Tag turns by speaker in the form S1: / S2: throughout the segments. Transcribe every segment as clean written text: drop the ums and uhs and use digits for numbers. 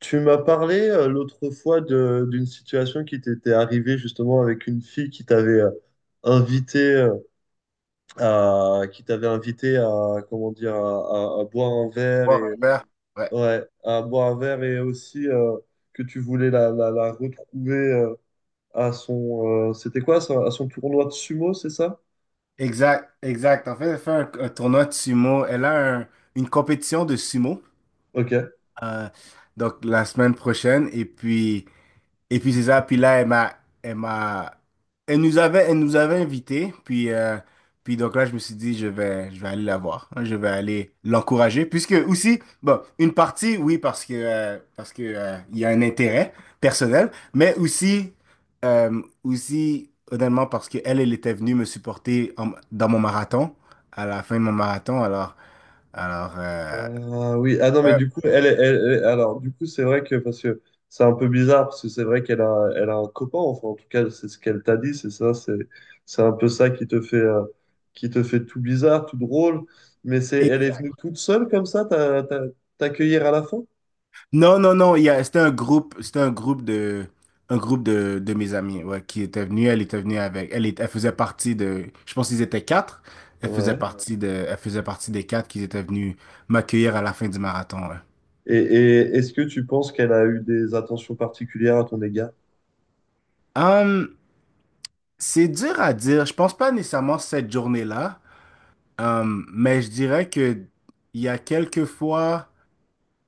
S1: Tu m'as parlé l'autre fois d'une situation qui t'était arrivée justement avec une fille invité euh, qui t'avait invité à comment dire à boire un verre et,
S2: Voir un verre. Ouais.
S1: ouais, à boire un verre et aussi que tu voulais la retrouver à son c'était quoi ça, à son tournoi de sumo, c'est ça?
S2: Exact, exact. En fait, elle fait un tournoi de sumo. Elle a une compétition de sumo
S1: Ok.
S2: euh, donc la semaine prochaine. Et puis. Et puis c'est ça, puis là, elle m'a, elle m'a, elle nous avait invités, puis donc là, je me suis dit, je vais aller la voir, hein, je vais aller l'encourager, puisque aussi, bon, une partie, oui, parce que, il y a un intérêt personnel, mais aussi, aussi, honnêtement, parce que elle était venue me supporter dans mon marathon, à la fin de mon marathon. Alors, euh,
S1: Ah oui, ah non, mais
S2: ouais,
S1: du coup, elle, est- elle, elle- alors, du coup, c'est vrai que, parce que c'est un peu bizarre, parce que c'est vrai qu'elle a, elle a un copain, enfin, en tout cas, c'est ce qu'elle t'a dit, c'est ça, c'est un peu ça qui te fait, tout bizarre, tout drôle, mais elle est
S2: exact.
S1: venue toute seule comme ça, t'accueillir à la fin?
S2: Non, non, non, il y a, c'était un groupe, de mes amis, ouais, qui était venu, elle était venue avec. Elle faisait partie de, je pense qu'ils étaient quatre,
S1: Ouais.
S2: elle faisait partie des quatre qui étaient venus m'accueillir à la fin du marathon, ouais.
S1: Et est-ce que tu penses qu'elle a eu des attentions particulières à ton égard?
S2: Hum, c'est dur à dire, je pense pas nécessairement cette journée-là, mais je dirais que il y a quelques fois,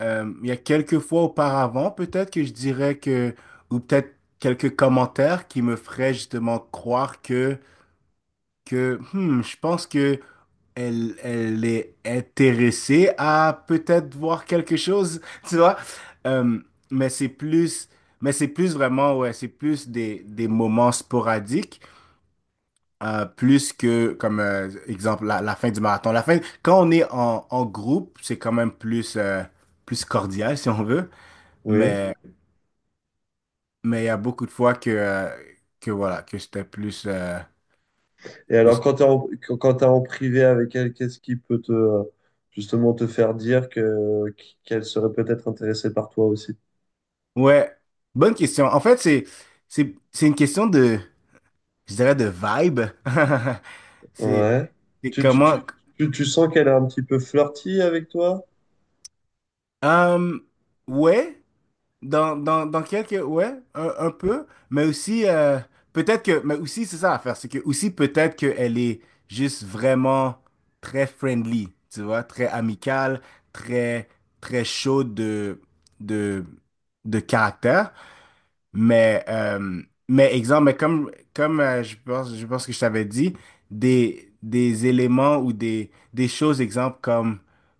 S2: il y a quelques fois auparavant, peut-être que je dirais que, ou peut-être quelques commentaires qui me feraient justement croire que je pense que elle est intéressée à peut-être voir quelque chose, tu vois. Euh, mais mais c'est plus vraiment, ouais, c'est plus des, moments sporadiques, plus que, comme exemple, la fin du marathon. La fin, quand on est en, groupe, c'est quand même plus, plus cordial, si on veut.
S1: Oui.
S2: Mais, il y a beaucoup de fois que voilà, que c'était plus,
S1: Et
S2: que
S1: alors, quand tu es en, quand quand t'es en privé avec elle, qu'est-ce qui peut justement te faire dire qu'elle serait peut-être intéressée par toi aussi?
S2: Ouais, bonne question. En fait, c'est une question de, je dirais, de vibe. C'est
S1: Ouais. Tu, tu,
S2: comment.
S1: tu, tu sens qu'elle est un petit peu flirty avec toi?
S2: Hum, ouais, dans, dans quelques. Ouais, un peu. Mais aussi, peut-être que. Mais aussi, c'est ça à faire. C'est que aussi, peut-être qu'elle est juste vraiment très friendly, tu vois, très amicale, très, très chaude de, de, caractère. Mais, euh, mais exemple, mais comme, je pense, que je t'avais dit, des, éléments ou des, choses, exemple, comme,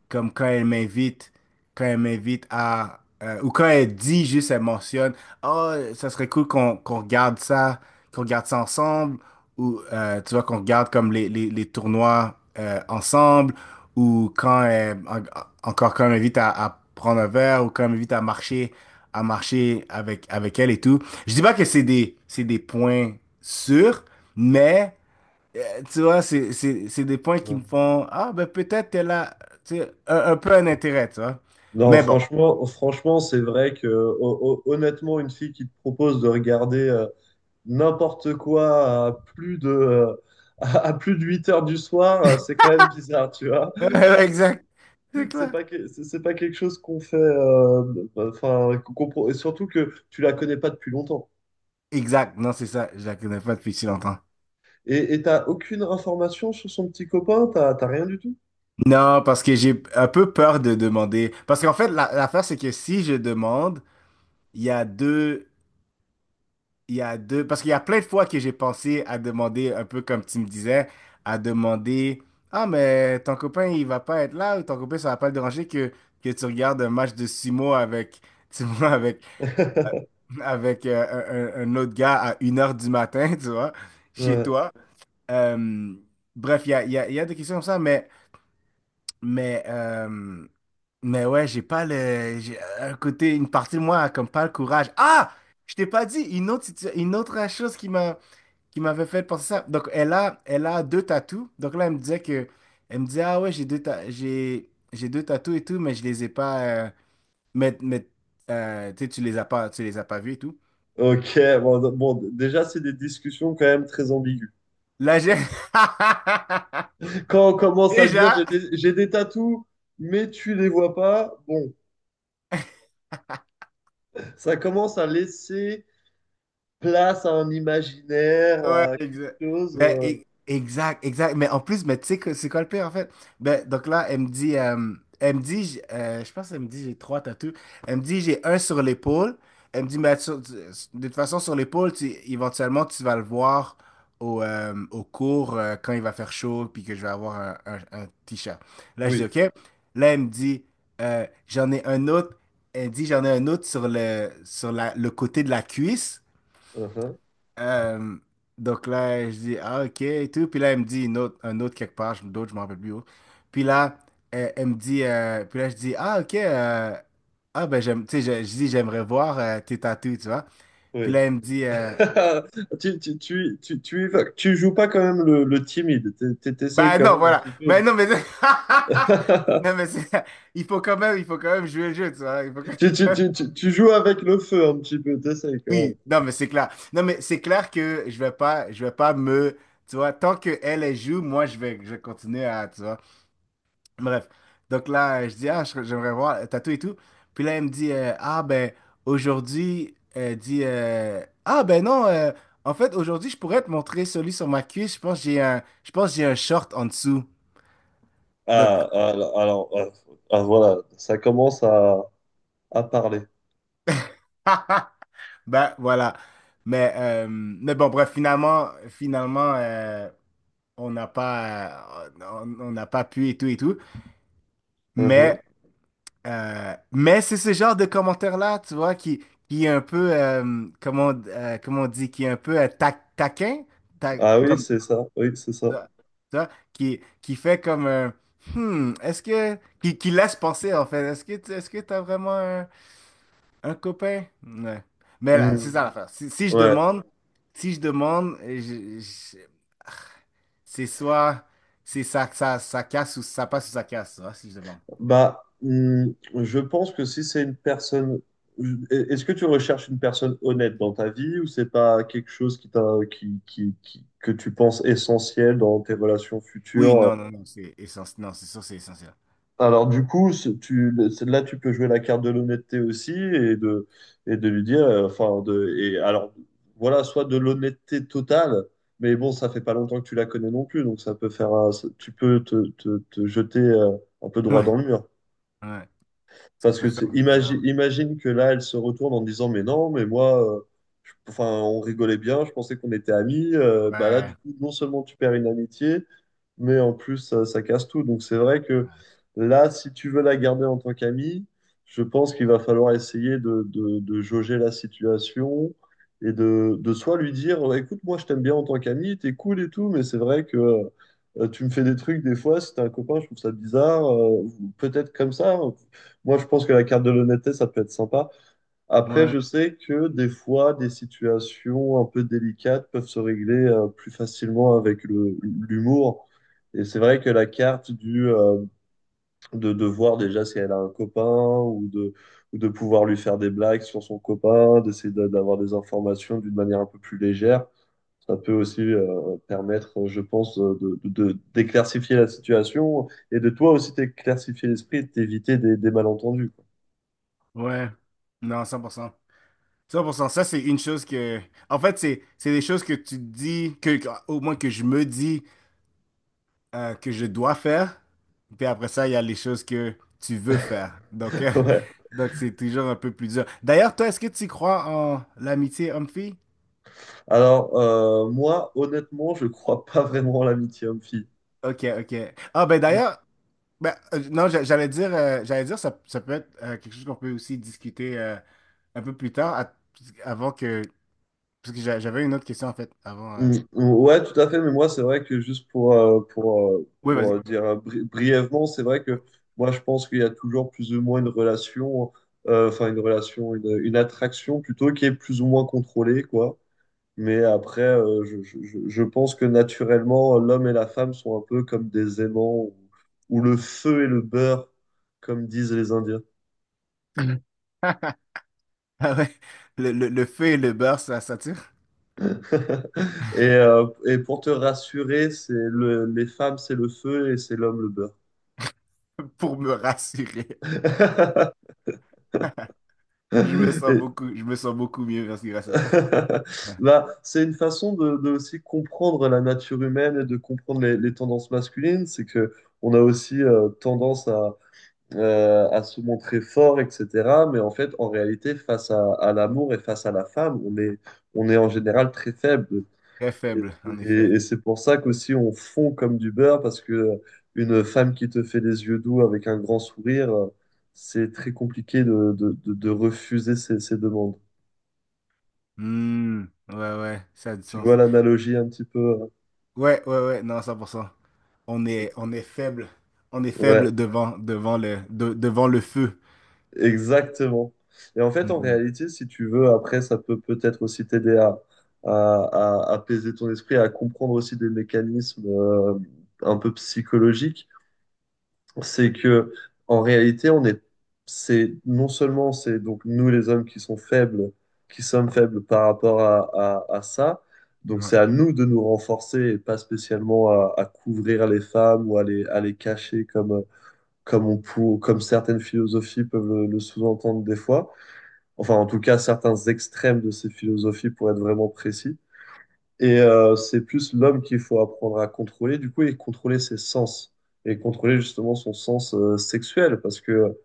S2: comme quand elle m'invite, quand elle m'invite à, ou quand elle dit, juste, elle mentionne, oh, ça serait cool qu'on regarde ça ensemble ou tu vois qu'on regarde comme les, tournois ensemble ou quand encore quand elle m'invite à, prendre un verre ou quand elle m'invite à marcher à marcher avec elle et tout. Je dis pas que c'est des points sûrs, mais euh, tu vois c'est des points qui me
S1: Ouais.
S2: font ah ben peut-être qu'elle a tu sais, un peu un intérêt, tu vois.
S1: Non,
S2: Mais bon.
S1: franchement, c'est vrai que honnêtement, une fille qui te propose de regarder n'importe quoi plus de 8 heures du soir, c'est quand même bizarre, tu vois.
S2: Exact. C'est clair.
S1: C'est pas quelque chose qu'on fait, enfin, et surtout que tu la connais pas depuis longtemps.
S2: Exact. Non, c'est ça. Je la connais pas depuis si longtemps.
S1: Et t'as aucune information sur son petit copain, t'as rien du tout.
S2: Non, parce que j'ai un peu peur de demander. Parce qu'en fait, l'affaire, c'est que si je demande, il y a deux, il y a deux, parce qu'il y a plein de fois que j'ai pensé à demander, un peu comme tu me disais, à demander, ah, mais ton copain, il va pas être là, ou ton copain, ça va pas le déranger que, tu regardes un match de sumo avec, tu vois, avec, avec un autre gars à 1h du matin, tu vois, chez
S1: Ouais.
S2: toi. Euh, bref, il y a des questions comme ça, mais. Mais, euh, mais ouais, j'ai pas le. Un côté, une partie de moi a comme pas le courage. Ah! Je t'ai pas dit, une autre chose qui m'avait fait penser ça. Donc, elle a, deux tatous. Donc là, elle me disait que. Elle me disait, ah ouais, j'ai deux tatous et tout, mais je les ai pas. Mais tu sais, tu les as pas vus et tout.
S1: Ok, bon, déjà, c'est des discussions quand même très ambiguës.
S2: Là, j'ai.
S1: Quand on commence à dire j'ai
S2: Déjà.
S1: des, j'ai des tatous, mais tu les vois pas, bon, ça commence à laisser place à un imaginaire,
S2: Ouais,
S1: à quelque
S2: exact.
S1: chose.
S2: Ben, exact, exact. Mais en plus, mais tu sais que c'est quoi le pire en fait? Ben, donc là, elle me dit, je pense qu'elle me dit j'ai trois tatous. Elle me dit j'ai un sur l'épaule. Elle me dit, de toute façon, sur l'épaule, éventuellement, tu vas le voir au au cours quand il va faire chaud, puis que je vais avoir un t-shirt. Là, je dis
S1: Oui,
S2: OK. Là, elle me dit, j'en ai un autre. Elle dit, j'en ai un autre sur le, le côté de la cuisse.
S1: uh-huh,
S2: Euh, donc là, je dis, ah, ok, et tout. Puis là, elle me dit une autre, un autre quelque part, d'autres, je m'en rappelle plus où. Puis là, elle me dit, puis là, je dis, ah, ok, ah, ben, j'aime, tu sais, je dis, j'aimerais voir tes tatous, tu vois. Puis
S1: oui.
S2: là, elle me dit,
S1: Tu y vas. Tu joues pas quand même le timide, t'essayes
S2: ben
S1: quand
S2: non,
S1: même un
S2: voilà.
S1: petit peu.
S2: Mais non, mais. Non, mais c'est- il faut quand même jouer le jeu, tu vois.
S1: Tu, tu, tu, tu, tu joues avec le feu un petit peu, t'essayes quand même.
S2: Oui, non, mais c'est clair. Non, mais c'est clair que je vais pas me. Tu vois, tant que elle joue, moi, je vais continuer à. Tu vois. Bref. Donc là, je dis, ah, j'aimerais voir le tatou et tout. Puis là, elle me dit, ah, ben, aujourd'hui, elle dit, ah, ben non, en fait, aujourd'hui, je pourrais te montrer celui sur ma cuisse. Je pense que j'ai un short en dessous. Donc,
S1: Ah, ah, alors, ah, ah, voilà, ça commence à parler.
S2: ben voilà. Mais bon, bref, finalement, on n'a pas, on n'a pas pu et tout et tout.
S1: Mhm.
S2: Mais mais c'est ce genre de commentaire-là, tu vois, qui, est un peu, comment, comment on dit, qui est un peu taquin, ta-
S1: Ah oui,
S2: comme
S1: c'est ça, oui, c'est ça.
S2: ça, tu vois, qui, fait comme un, est-ce que, qui, laisse penser, en fait, est-ce que, est-ce que t'as vraiment un copain? Ouais. Mais là,
S1: Hmm.
S2: c'est ça l'affaire. Si je
S1: Ouais,
S2: demande, si je demande, je- je- c'est soit, ça casse ou ça passe ou ça casse, tu vois, si je demande.
S1: bah, je pense que si c'est une personne, est-ce que tu recherches une personne honnête dans ta vie ou c'est pas quelque chose qui t'a, qui- que tu penses essentiel dans tes relations
S2: Oui,
S1: futures?
S2: non, non, non, c'est essentiel. Non, c'est sûr, c'est essentiel.
S1: Alors du coup, là, tu peux jouer la carte de l'honnêteté aussi et de lui dire, enfin, et alors, voilà, soit de l'honnêteté totale, mais bon, ça fait pas longtemps que tu la connais non plus, donc ça peut faire, tu peux te jeter un peu droit
S2: Ouais.
S1: dans le mur.
S2: Ouais, ça
S1: Parce
S2: peut
S1: que
S2: faire
S1: imagine,
S2: bizarre.
S1: imagine que là, elle se retourne en disant, mais non, mais moi, enfin, on rigolait bien, je pensais qu'on était amis. Bah là, du
S2: Ouais,
S1: coup, non seulement tu perds une amitié, mais en plus, ça casse tout. Donc c'est vrai que là, si tu veux la garder en tant qu'amie, je pense qu'il va falloir essayer de jauger la situation et de soit lui dire, bah, écoute, moi, je t'aime bien en tant qu'amie, t'es cool et tout, mais c'est vrai que tu me fais des trucs des fois, si t'es un copain, je trouve ça bizarre. Peut-être comme ça, moi, je pense que la carte de l'honnêteté, ça peut être sympa. Après,
S2: ouais,
S1: je sais que des fois, des situations un peu délicates peuvent se régler plus facilement avec l'humour. Et c'est vrai que la carte de voir déjà si elle a un copain ou ou de pouvoir lui faire des blagues sur son copain, d'essayer d'avoir des informations d'une manière un peu plus légère, ça peut aussi permettre, je pense, d'éclaircifier la situation et de toi aussi t'éclaircifier l'esprit et de t'éviter des malentendus, quoi.
S2: ouais. Non, 100% cent pour cent ça, c'est une chose que... En fait, c'est des choses que tu te dis, que, au moins que je me dis que je dois faire. Puis après ça, il y a les choses que tu veux faire. Donc,
S1: Ouais.
S2: donc c'est toujours un peu plus dur. D'ailleurs, toi, est-ce que tu crois en l'amitié homme-fille?
S1: Alors, moi, honnêtement, je crois pas vraiment à l'amitié homme-fille.
S2: Ok, ok. Ah ben
S1: Mm,
S2: d'ailleurs, ben, non, j'allais dire ça peut être quelque chose qu'on peut aussi discuter un peu plus tard, avant que Parce que j'avais une autre question en fait avant.
S1: mm, ouais, tout à fait, mais moi, c'est vrai que juste
S2: Oui,
S1: pour
S2: vas-y.
S1: dire brièvement, c'est vrai que
S2: Ouais.
S1: moi, je, pense qu'il y a toujours plus ou moins une relation, enfin, une relation, une attraction plutôt qui est plus ou moins contrôlée, quoi. Mais après, je, je pense que naturellement, l'homme et la femme sont un peu comme des aimants ou le feu et le beurre, comme disent les Indiens.
S2: Ah ouais, le feu et le beurre, ça s'attire
S1: Et, et pour te rassurer, c'est les femmes, c'est le feu et c'est l'homme, le
S2: pour me rassurer.
S1: beurre. Et-
S2: Je me sens beaucoup mieux parce que grâce à ça.
S1: Bah, c'est une façon de aussi comprendre la nature humaine et de comprendre les tendances masculines. C'est que on a aussi tendance à se montrer fort, etc. Mais en fait, en réalité, face à l'amour et face à la femme, on est en général très faible.
S2: Très
S1: Et,
S2: faible, en effet.
S1: et c'est pour ça qu'aussi on fond comme du beurre, parce que une femme qui te fait les yeux doux avec un grand sourire, c'est très compliqué de refuser ses demandes.
S2: Hmm, ouais, ouais, ça a du
S1: Tu vois
S2: sens.
S1: l'analogie un petit peu? Hein?
S2: Ouais, ouais, ouais, non, 100%
S1: C'est-
S2: on est faible. On est
S1: Ouais,
S2: faible devant le feu.
S1: exactement. Et en fait, en
S2: Hmm,
S1: réalité, si tu veux, après, ça peut peut-être aussi t'aider à- à apaiser ton esprit, à comprendre aussi des mécanismes un peu psychologiques. C'est que en réalité, c'est non seulement c'est donc nous les hommes qui sont faibles, qui sommes faibles par rapport à ça, donc
S2: ouais.
S1: c'est à nous de nous renforcer et pas spécialement à couvrir les femmes ou à les cacher comme, comme certaines philosophies peuvent le sous-entendre des fois. Enfin, en tout cas, certains extrêmes de ces philosophies pour être vraiment précis. Et c'est plus l'homme qu'il faut apprendre à contrôler, du coup, et contrôler ses sens. Et contrôler justement son sens sexuel. Parce que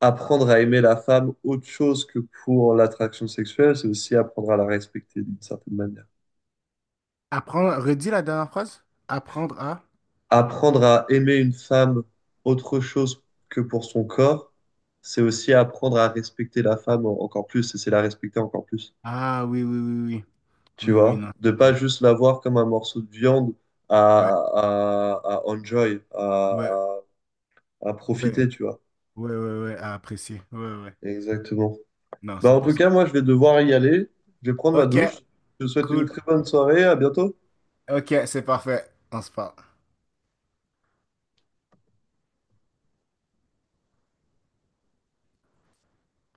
S1: apprendre à aimer la femme autre chose que pour l'attraction sexuelle, c'est aussi apprendre à la respecter d'une certaine manière.
S2: Apprendre, redis la dernière phrase. Apprendre à.
S1: Apprendre à aimer une femme autre chose que pour son corps, c'est aussi apprendre à respecter la femme encore plus. Et c'est la respecter encore plus.
S2: Ah oui, oui, oui, oui.
S1: Tu
S2: Oui, oui,
S1: vois?
S2: non.
S1: De pas juste la voir comme un morceau de viande à,
S2: 100%.
S1: à enjoy,
S2: Ouais,
S1: à à
S2: ouais,
S1: profiter, tu vois.
S2: ouais, ouais, ouais, à apprécier. Ouais, ouais. ouais.
S1: Exactement.
S2: Non,
S1: Bah,
S2: cent
S1: en
S2: pour
S1: tout
S2: cent.
S1: cas, moi, je vais devoir y aller. Je vais prendre ma
S2: Ok,
S1: douche. Je te souhaite une
S2: cool.
S1: très bonne soirée. À bientôt.
S2: Ok, c'est parfait. On se parle.